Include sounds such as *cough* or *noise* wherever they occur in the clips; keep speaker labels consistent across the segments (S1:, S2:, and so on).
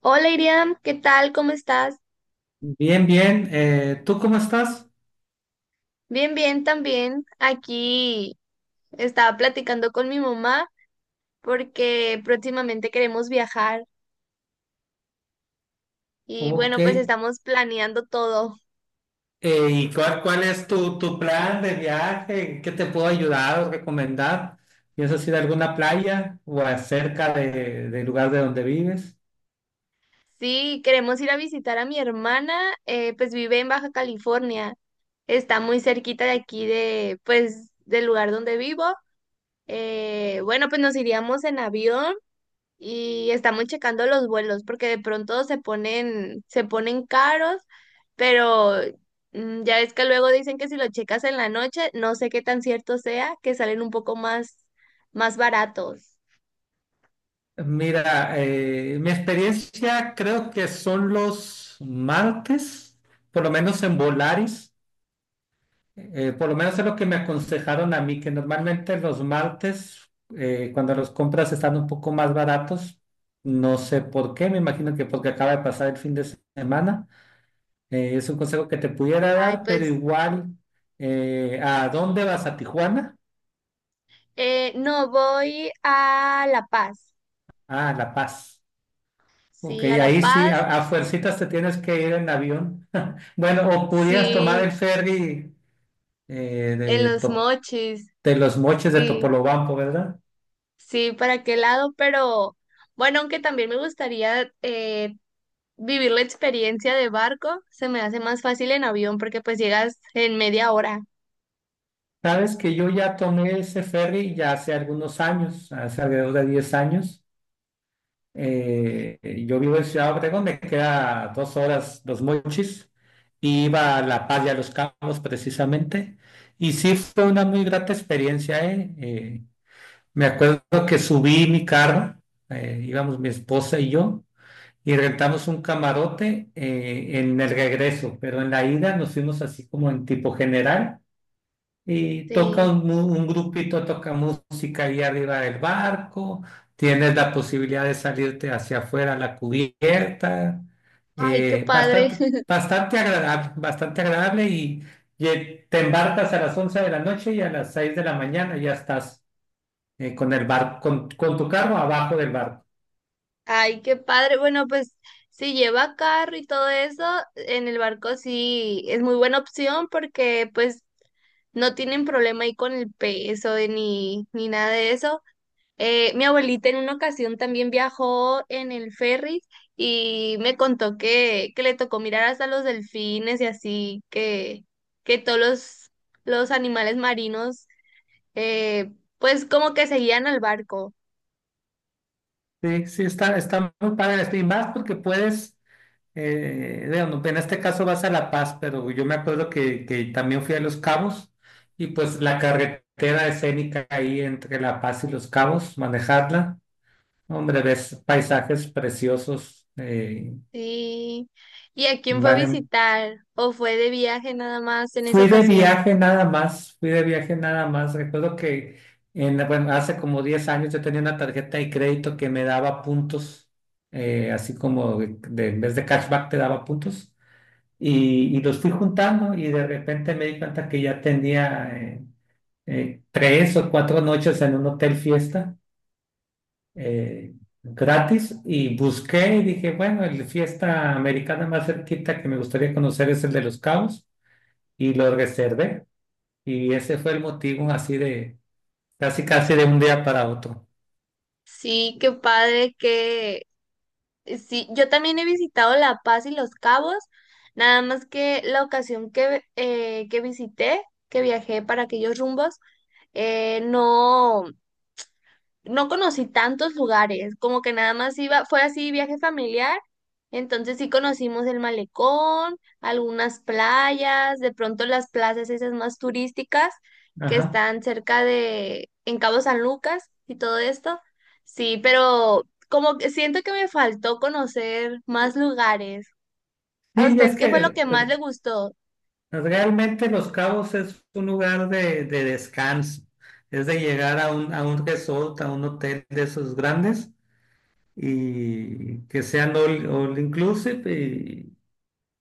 S1: Hola Iriam, ¿qué tal? ¿Cómo estás?
S2: Bien, bien. ¿Tú cómo estás?
S1: Bien, bien también. Aquí estaba platicando con mi mamá porque próximamente queremos viajar y
S2: Ok.
S1: bueno, pues estamos planeando todo.
S2: ¿Y cuál es tu plan de viaje? ¿Qué te puedo ayudar o recomendar? ¿Piensas ir a alguna playa o acerca del lugar de donde vives?
S1: Sí, queremos ir a visitar a mi hermana, pues vive en Baja California. Está muy cerquita de aquí de, pues, del lugar donde vivo. Bueno, pues nos iríamos en avión y estamos checando los vuelos porque de pronto se ponen caros, pero ya ves que luego dicen que si lo checas en la noche, no sé qué tan cierto sea, que salen un poco más baratos.
S2: Mira, mi experiencia creo que son los martes, por lo menos en Volaris. Por lo menos es lo que me aconsejaron a mí, que normalmente los martes, cuando los compras están un poco más baratos, no sé por qué, me imagino que porque acaba de pasar el fin de semana. Es un consejo que te pudiera
S1: Ay,
S2: dar, pero
S1: pues
S2: igual, ¿a dónde vas? ¿A Tijuana?
S1: no, voy a La Paz.
S2: Ah, a La Paz. Ok,
S1: Sí, a La
S2: ahí sí,
S1: Paz.
S2: a fuercitas te tienes que ir en avión. *laughs* Bueno, o pudieras tomar
S1: Sí,
S2: el ferry eh,
S1: en
S2: de,
S1: Los
S2: Top-
S1: Mochis.
S2: de Los Mochis, de
S1: Sí,
S2: Topolobampo, ¿verdad?
S1: sí, para qué lado, pero bueno, aunque también me gustaría vivir la experiencia de barco. Se me hace más fácil en avión porque pues llegas en media hora.
S2: Sabes que yo ya tomé ese ferry ya hace algunos años, hace alrededor de 10 años. Yo vivo en Ciudad Obregón, me queda 2 horas, los mochis, y iba a La Paz y a Los Cabos precisamente. Y sí fue una muy grata experiencia, ¿eh? Me acuerdo que subí mi carro, íbamos mi esposa y yo, y rentamos un camarote, en el regreso, pero en la ida nos fuimos así como en tipo general y toca
S1: Sí.
S2: un grupito, toca música ahí arriba del barco, tienes la posibilidad de salirte hacia afuera a la cubierta,
S1: Ay, qué padre.
S2: bastante,
S1: *laughs*
S2: bastante agradable, bastante agradable, te embarcas a las 11 de la noche y a las 6 de la mañana ya estás, con el barco, con tu carro abajo del barco.
S1: Ay, qué padre. Bueno, pues si lleva carro y todo eso, en el barco sí es muy buena opción porque pues no tienen problema ahí con el peso y ni nada de eso. Mi abuelita en una ocasión también viajó en el ferry y me contó que le tocó mirar hasta los delfines y así, que todos los animales marinos, eh, pues como que seguían al barco.
S2: Sí, sí, está, está muy padre esto, y más porque puedes. Digamos, en este caso vas a La Paz, pero yo me acuerdo que también fui a Los Cabos y pues la carretera escénica ahí entre La Paz y Los Cabos, manejarla, hombre, ves paisajes preciosos,
S1: Sí. ¿Y a quién fue a
S2: valen.
S1: visitar? ¿O fue de viaje nada más en esa
S2: Fui de
S1: ocasión?
S2: viaje nada más, fui de viaje nada más. Recuerdo que en, bueno, hace como 10 años yo tenía una tarjeta de crédito que me daba puntos, así como de, en vez de cashback te daba puntos. Y, y los fui juntando y de repente me di cuenta que ya tenía, 3 o 4 noches en un hotel fiesta, eh, gratis, y busqué y dije, bueno, el fiesta americana más cerquita que me gustaría conocer es el de Los Cabos y lo reservé y ese fue el motivo así de casi casi de un día para otro.
S1: Sí, qué padre, que sí, yo también he visitado La Paz y Los Cabos, nada más que la ocasión que que viajé para aquellos rumbos, eh, no no conocí tantos lugares, como que nada más iba, fue así viaje familiar, entonces sí conocimos el malecón, algunas playas, de pronto las plazas esas más turísticas que
S2: Ajá.
S1: están cerca en Cabo San Lucas y todo esto, sí, pero como que siento que me faltó conocer más lugares. ¿A
S2: Sí,
S1: usted
S2: es
S1: qué
S2: que,
S1: fue lo que más le gustó?
S2: pues, realmente Los Cabos es un lugar de descanso, es de llegar a un resort, a un hotel de esos grandes y que sean all inclusive,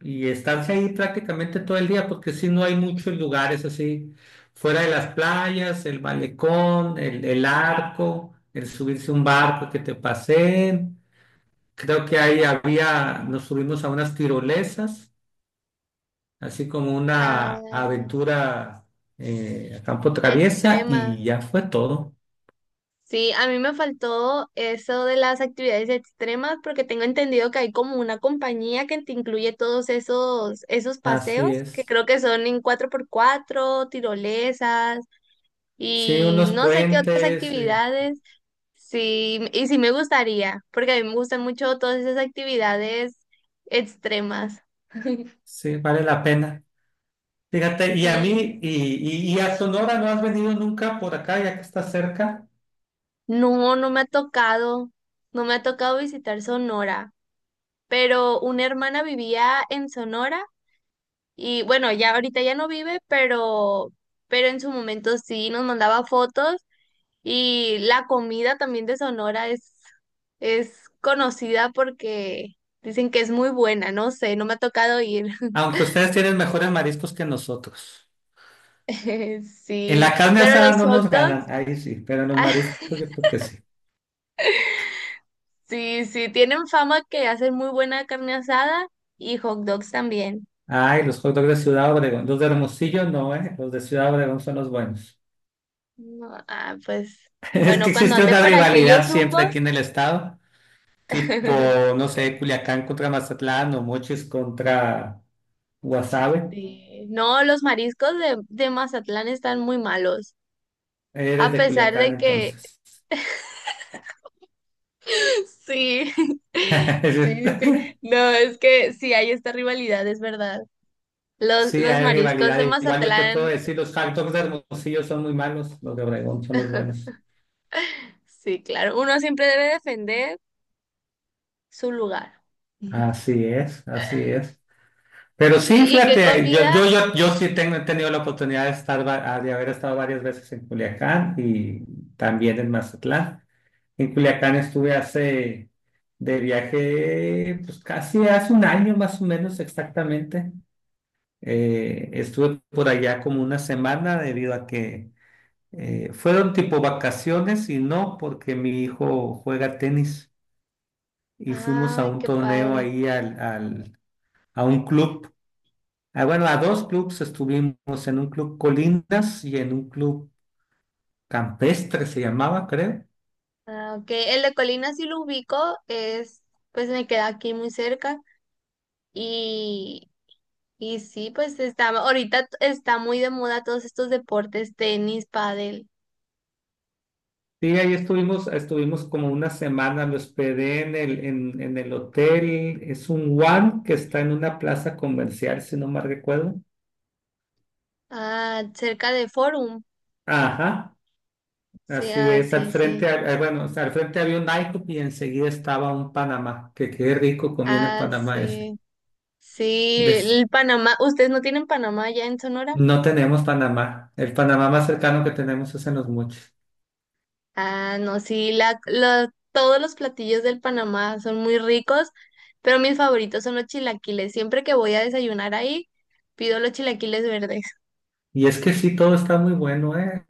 S2: y estarse ahí prácticamente todo el día porque si no hay muchos lugares así, fuera de las playas, el malecón, el arco, el subirse a un barco que te paseen. Creo que ahí había, nos subimos a unas tirolesas así como
S1: Ah,
S2: una aventura, a campo traviesa
S1: extrema.
S2: y ya fue todo.
S1: Sí, a mí me faltó eso de las actividades extremas porque tengo entendido que hay como una compañía que te incluye todos esos paseos
S2: Así
S1: que
S2: es.
S1: creo que son en 4x4, tirolesas
S2: Sí,
S1: y
S2: unos
S1: no sé qué otras
S2: puentes,
S1: actividades. Sí, y sí me gustaría porque a mí me gustan mucho todas esas actividades extremas. *laughs*
S2: sí, vale la pena. Fíjate, y a
S1: Sí,
S2: mí, y a Sonora no has venido nunca por acá, ya que está cerca,
S1: no, no me ha tocado, no me ha tocado visitar Sonora, pero una hermana vivía en Sonora. Y bueno, ya ahorita ya no vive, pero en su momento sí nos mandaba fotos y la comida también de Sonora es conocida porque dicen que es muy buena, no sé, no me ha tocado ir.
S2: aunque ustedes tienen mejores mariscos que nosotros.
S1: *laughs*
S2: En
S1: Sí,
S2: la carne
S1: pero
S2: asada
S1: los
S2: no
S1: hot
S2: nos ganan,
S1: dogs,
S2: ahí sí, pero en los mariscos
S1: *laughs*
S2: yo creo que sí.
S1: sí, sí, tienen fama que hacen muy buena carne asada y hot dogs también.
S2: Ay, los hot dogs de Ciudad Obregón, los de Hermosillo no, ¿eh? Los de Ciudad Obregón son los buenos.
S1: No, ah, pues
S2: *laughs* Es que
S1: bueno, cuando
S2: existe
S1: ande
S2: una
S1: por aquellos
S2: rivalidad siempre aquí
S1: rumbos.
S2: en el estado, tipo,
S1: *laughs*
S2: no sé, Culiacán contra Mazatlán o Mochis contra Guasave.
S1: Sí. No, los mariscos de Mazatlán están muy malos,
S2: Eres
S1: a
S2: de
S1: pesar
S2: Culiacán
S1: de que
S2: entonces.
S1: *laughs* sí, *laughs* sí, sí, sí.
S2: *laughs*
S1: No, es que sí hay esta rivalidad, es verdad. Los,
S2: Sí,
S1: los
S2: hay
S1: mariscos
S2: rivalidad.
S1: de
S2: Igual yo te puedo
S1: Mazatlán,
S2: decir, los hot dogs de Hermosillo son muy malos, los de Obregón son los buenos.
S1: sí, claro, uno siempre debe defender su lugar. *laughs*
S2: Así es, así es. Pero sí,
S1: Sí, ¿y qué
S2: fíjate,
S1: comida?
S2: yo sí tengo, he tenido la oportunidad de estar, de haber estado varias veces en Culiacán y también en Mazatlán. En Culiacán estuve hace de viaje, pues casi hace un año más o menos exactamente. Estuve por allá como una semana debido a que, fueron tipo vacaciones y no porque mi hijo juega tenis y fuimos a
S1: Ay,
S2: un
S1: qué
S2: torneo
S1: padre.
S2: ahí a un club. Ah, bueno, a dos clubs estuvimos, en un club Colinas y en un club Campestre se llamaba, creo.
S1: Ah, ok, el de Colina sí lo ubico, pues me queda aquí muy cerca. Y Y sí, pues está, ahorita está muy de moda todos estos deportes, tenis, pádel.
S2: Sí, ahí estuvimos, estuvimos como una semana, me hospedé en el hotel, es un One que está en una plaza comercial, si no mal recuerdo.
S1: Ah, cerca de Forum.
S2: Ajá,
S1: Sí,
S2: así
S1: ah,
S2: es, al
S1: sí,
S2: frente,
S1: sí.
S2: bueno, o sea, al frente había un IHOP y enseguida estaba un Panamá, que qué rico comía en el
S1: Ah,
S2: Panamá ese.
S1: sí. Sí,
S2: Des-
S1: el Panamá, ¿ustedes no tienen Panamá ya en Sonora?
S2: no tenemos Panamá, el Panamá más cercano que tenemos es en Los Mochis.
S1: Ah, no, sí, todos los platillos del Panamá son muy ricos, pero mis favoritos son los chilaquiles. Siempre que voy a desayunar ahí, pido los chilaquiles verdes.
S2: Y es que sí, todo está muy bueno, ¿eh?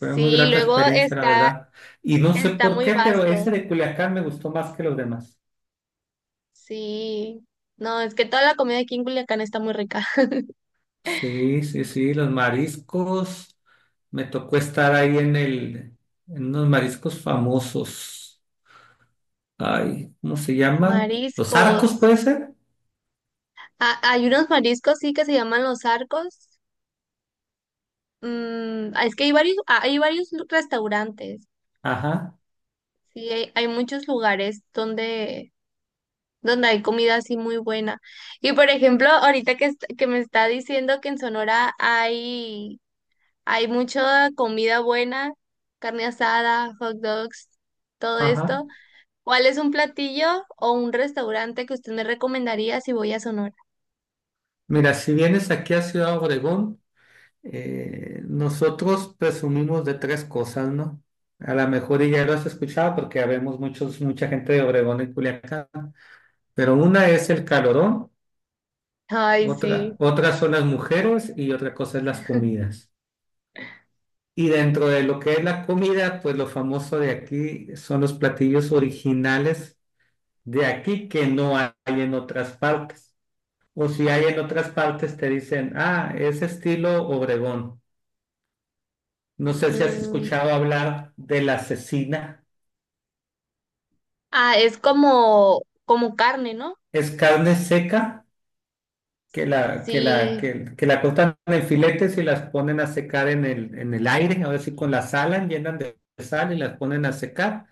S2: Fue muy grata
S1: luego
S2: experiencia, la
S1: está,
S2: verdad. Y no sé
S1: está
S2: por
S1: muy
S2: qué, pero ese
S1: vasto.
S2: de Culiacán me gustó más que los demás.
S1: Sí, no, es que toda la comida aquí en Culiacán está muy rica. *laughs*
S2: Sí, sí, sí, los mariscos. Me tocó estar ahí en unos mariscos famosos. Ay, ¿cómo se llaman? ¿Los arcos
S1: Mariscos.
S2: puede ser?
S1: Ah, hay unos mariscos, sí, que se llaman los arcos. Ah, es que hay varios, ah, hay varios restaurantes.
S2: Ajá,
S1: Sí, hay muchos lugares donde hay comida así muy buena. Y por ejemplo, ahorita que me está diciendo que en Sonora hay mucha comida buena, carne asada, hot dogs, todo
S2: ajá.
S1: esto. ¿Cuál es un platillo o un restaurante que usted me recomendaría si voy a Sonora?
S2: Mira, si vienes aquí a Ciudad Obregón, nosotros presumimos de tres cosas, ¿no? A lo mejor y ya lo has escuchado porque habemos muchos, mucha gente de Obregón y Culiacán, pero una es el calorón,
S1: Ay, sí.
S2: otra, otra son las mujeres y otra cosa es las comidas. Y dentro de lo que es la comida, pues lo famoso de aquí son los platillos originales de aquí que no hay en otras partes. O si hay en otras partes te dicen, ah, es estilo Obregón. No sé si has
S1: Mm,
S2: escuchado hablar de la cecina.
S1: ah, es como carne, ¿no?
S2: Es carne seca que la, que la,
S1: Sí,
S2: que, que la cortan en filetes y las ponen a secar en el aire, ahora sí con la sal, llenan de sal y las ponen a secar.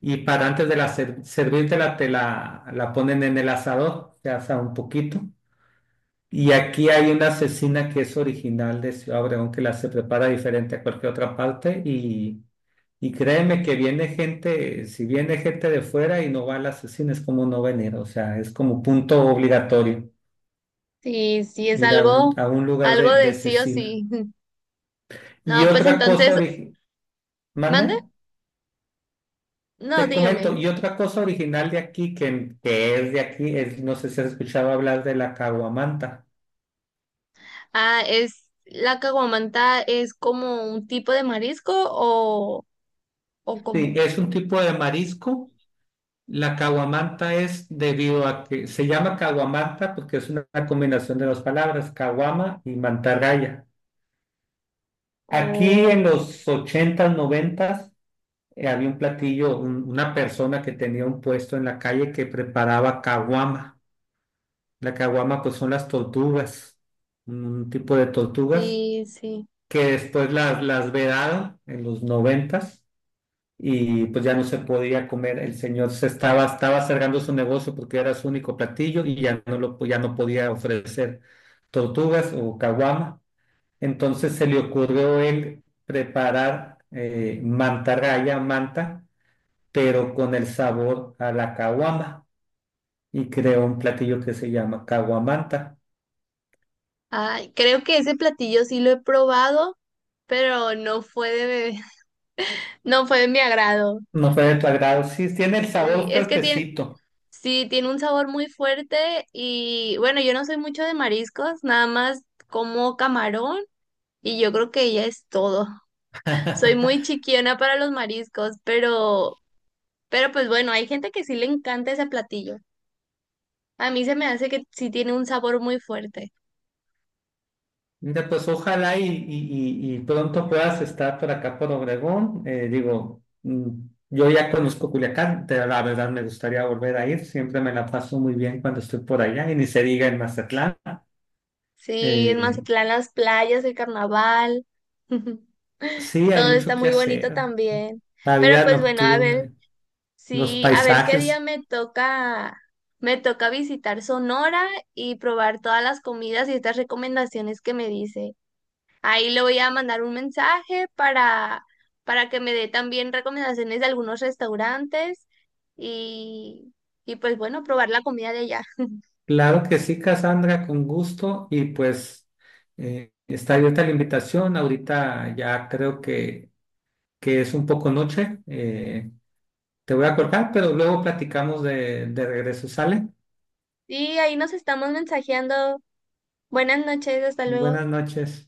S2: Y para antes de la servírtela, la ponen en el asador, se asa un poquito. Y aquí hay una cecina que es original de Ciudad Obregón, que la se prepara diferente a cualquier otra parte. Y créeme que viene gente, si viene gente de fuera y no va a la cecina, es como no venir, o sea, es como punto obligatorio
S1: sí, sí, es
S2: ir a un,
S1: algo,
S2: a un lugar
S1: algo
S2: de
S1: de sí o
S2: cecina.
S1: sí. *laughs*
S2: Y
S1: No, pues
S2: otra
S1: entonces,
S2: cosa,
S1: ¿mande?
S2: ¿mande?
S1: No,
S2: Te
S1: dígame.
S2: comento, y otra cosa original de aquí, que es de aquí, es, no sé si has escuchado hablar de la caguamanta.
S1: Ah, ¿la caguamanta es como un tipo de marisco o
S2: Sí,
S1: cómo?
S2: es un tipo de marisco. La caguamanta es debido a que se llama caguamanta porque es una combinación de dos palabras, caguama y mantarraya. Aquí en
S1: Oh,
S2: los ochentas noventas, había un platillo, una persona que tenía un puesto en la calle que preparaba caguama. La caguama, pues son las tortugas, un tipo de tortugas
S1: sí, sí.
S2: que después las vedaron en los noventas y pues ya no se podía comer. El señor se estaba, estaba cerrando su negocio porque era su único platillo y ya no podía ofrecer tortugas o caguama. Entonces se le ocurrió él preparar, mantarraya, manta, pero con el sabor a la caguama y creó un platillo que se llama caguamanta.
S1: Ay, creo que ese platillo sí lo he probado, pero no fue de bebé. No fue de mi agrado.
S2: No fue de tu agrado, sí, tiene el
S1: Sí,
S2: sabor
S1: es que tiene,
S2: fuertecito.
S1: sí, tiene un sabor muy fuerte y bueno, yo no soy mucho de mariscos, nada más como camarón y yo creo que ya es todo. *laughs* Soy
S2: *laughs*
S1: muy chiquiona para los mariscos, pero pues bueno, hay gente que sí le encanta ese platillo. A mí se me hace que sí tiene un sabor muy fuerte.
S2: Mira, pues ojalá y, y pronto puedas estar por acá por Obregón. Digo, yo ya conozco Culiacán, la verdad me gustaría volver a ir, siempre me la paso muy bien cuando estoy por allá y ni se diga en Mazatlán.
S1: Sí, en
S2: Eh,
S1: Mazatlán las playas, el carnaval, *laughs*
S2: sí, hay
S1: todo
S2: mucho
S1: está
S2: que
S1: muy bonito
S2: hacer,
S1: también.
S2: la
S1: Pero
S2: vida
S1: pues bueno, a ver.
S2: nocturna, los
S1: Sí, a ver qué día
S2: paisajes.
S1: me toca visitar Sonora y probar todas las comidas y estas recomendaciones que me dice. Ahí le voy a mandar un mensaje para que me dé también recomendaciones de algunos restaurantes y, y pues bueno, probar la comida de allá.
S2: Claro que sí, Cassandra, con gusto y pues, está abierta la invitación. Ahorita ya creo que es un poco noche. Te voy a cortar, pero luego platicamos de regreso. ¿Sale?
S1: Y ahí nos estamos mensajeando. Buenas noches, hasta luego.
S2: Buenas noches.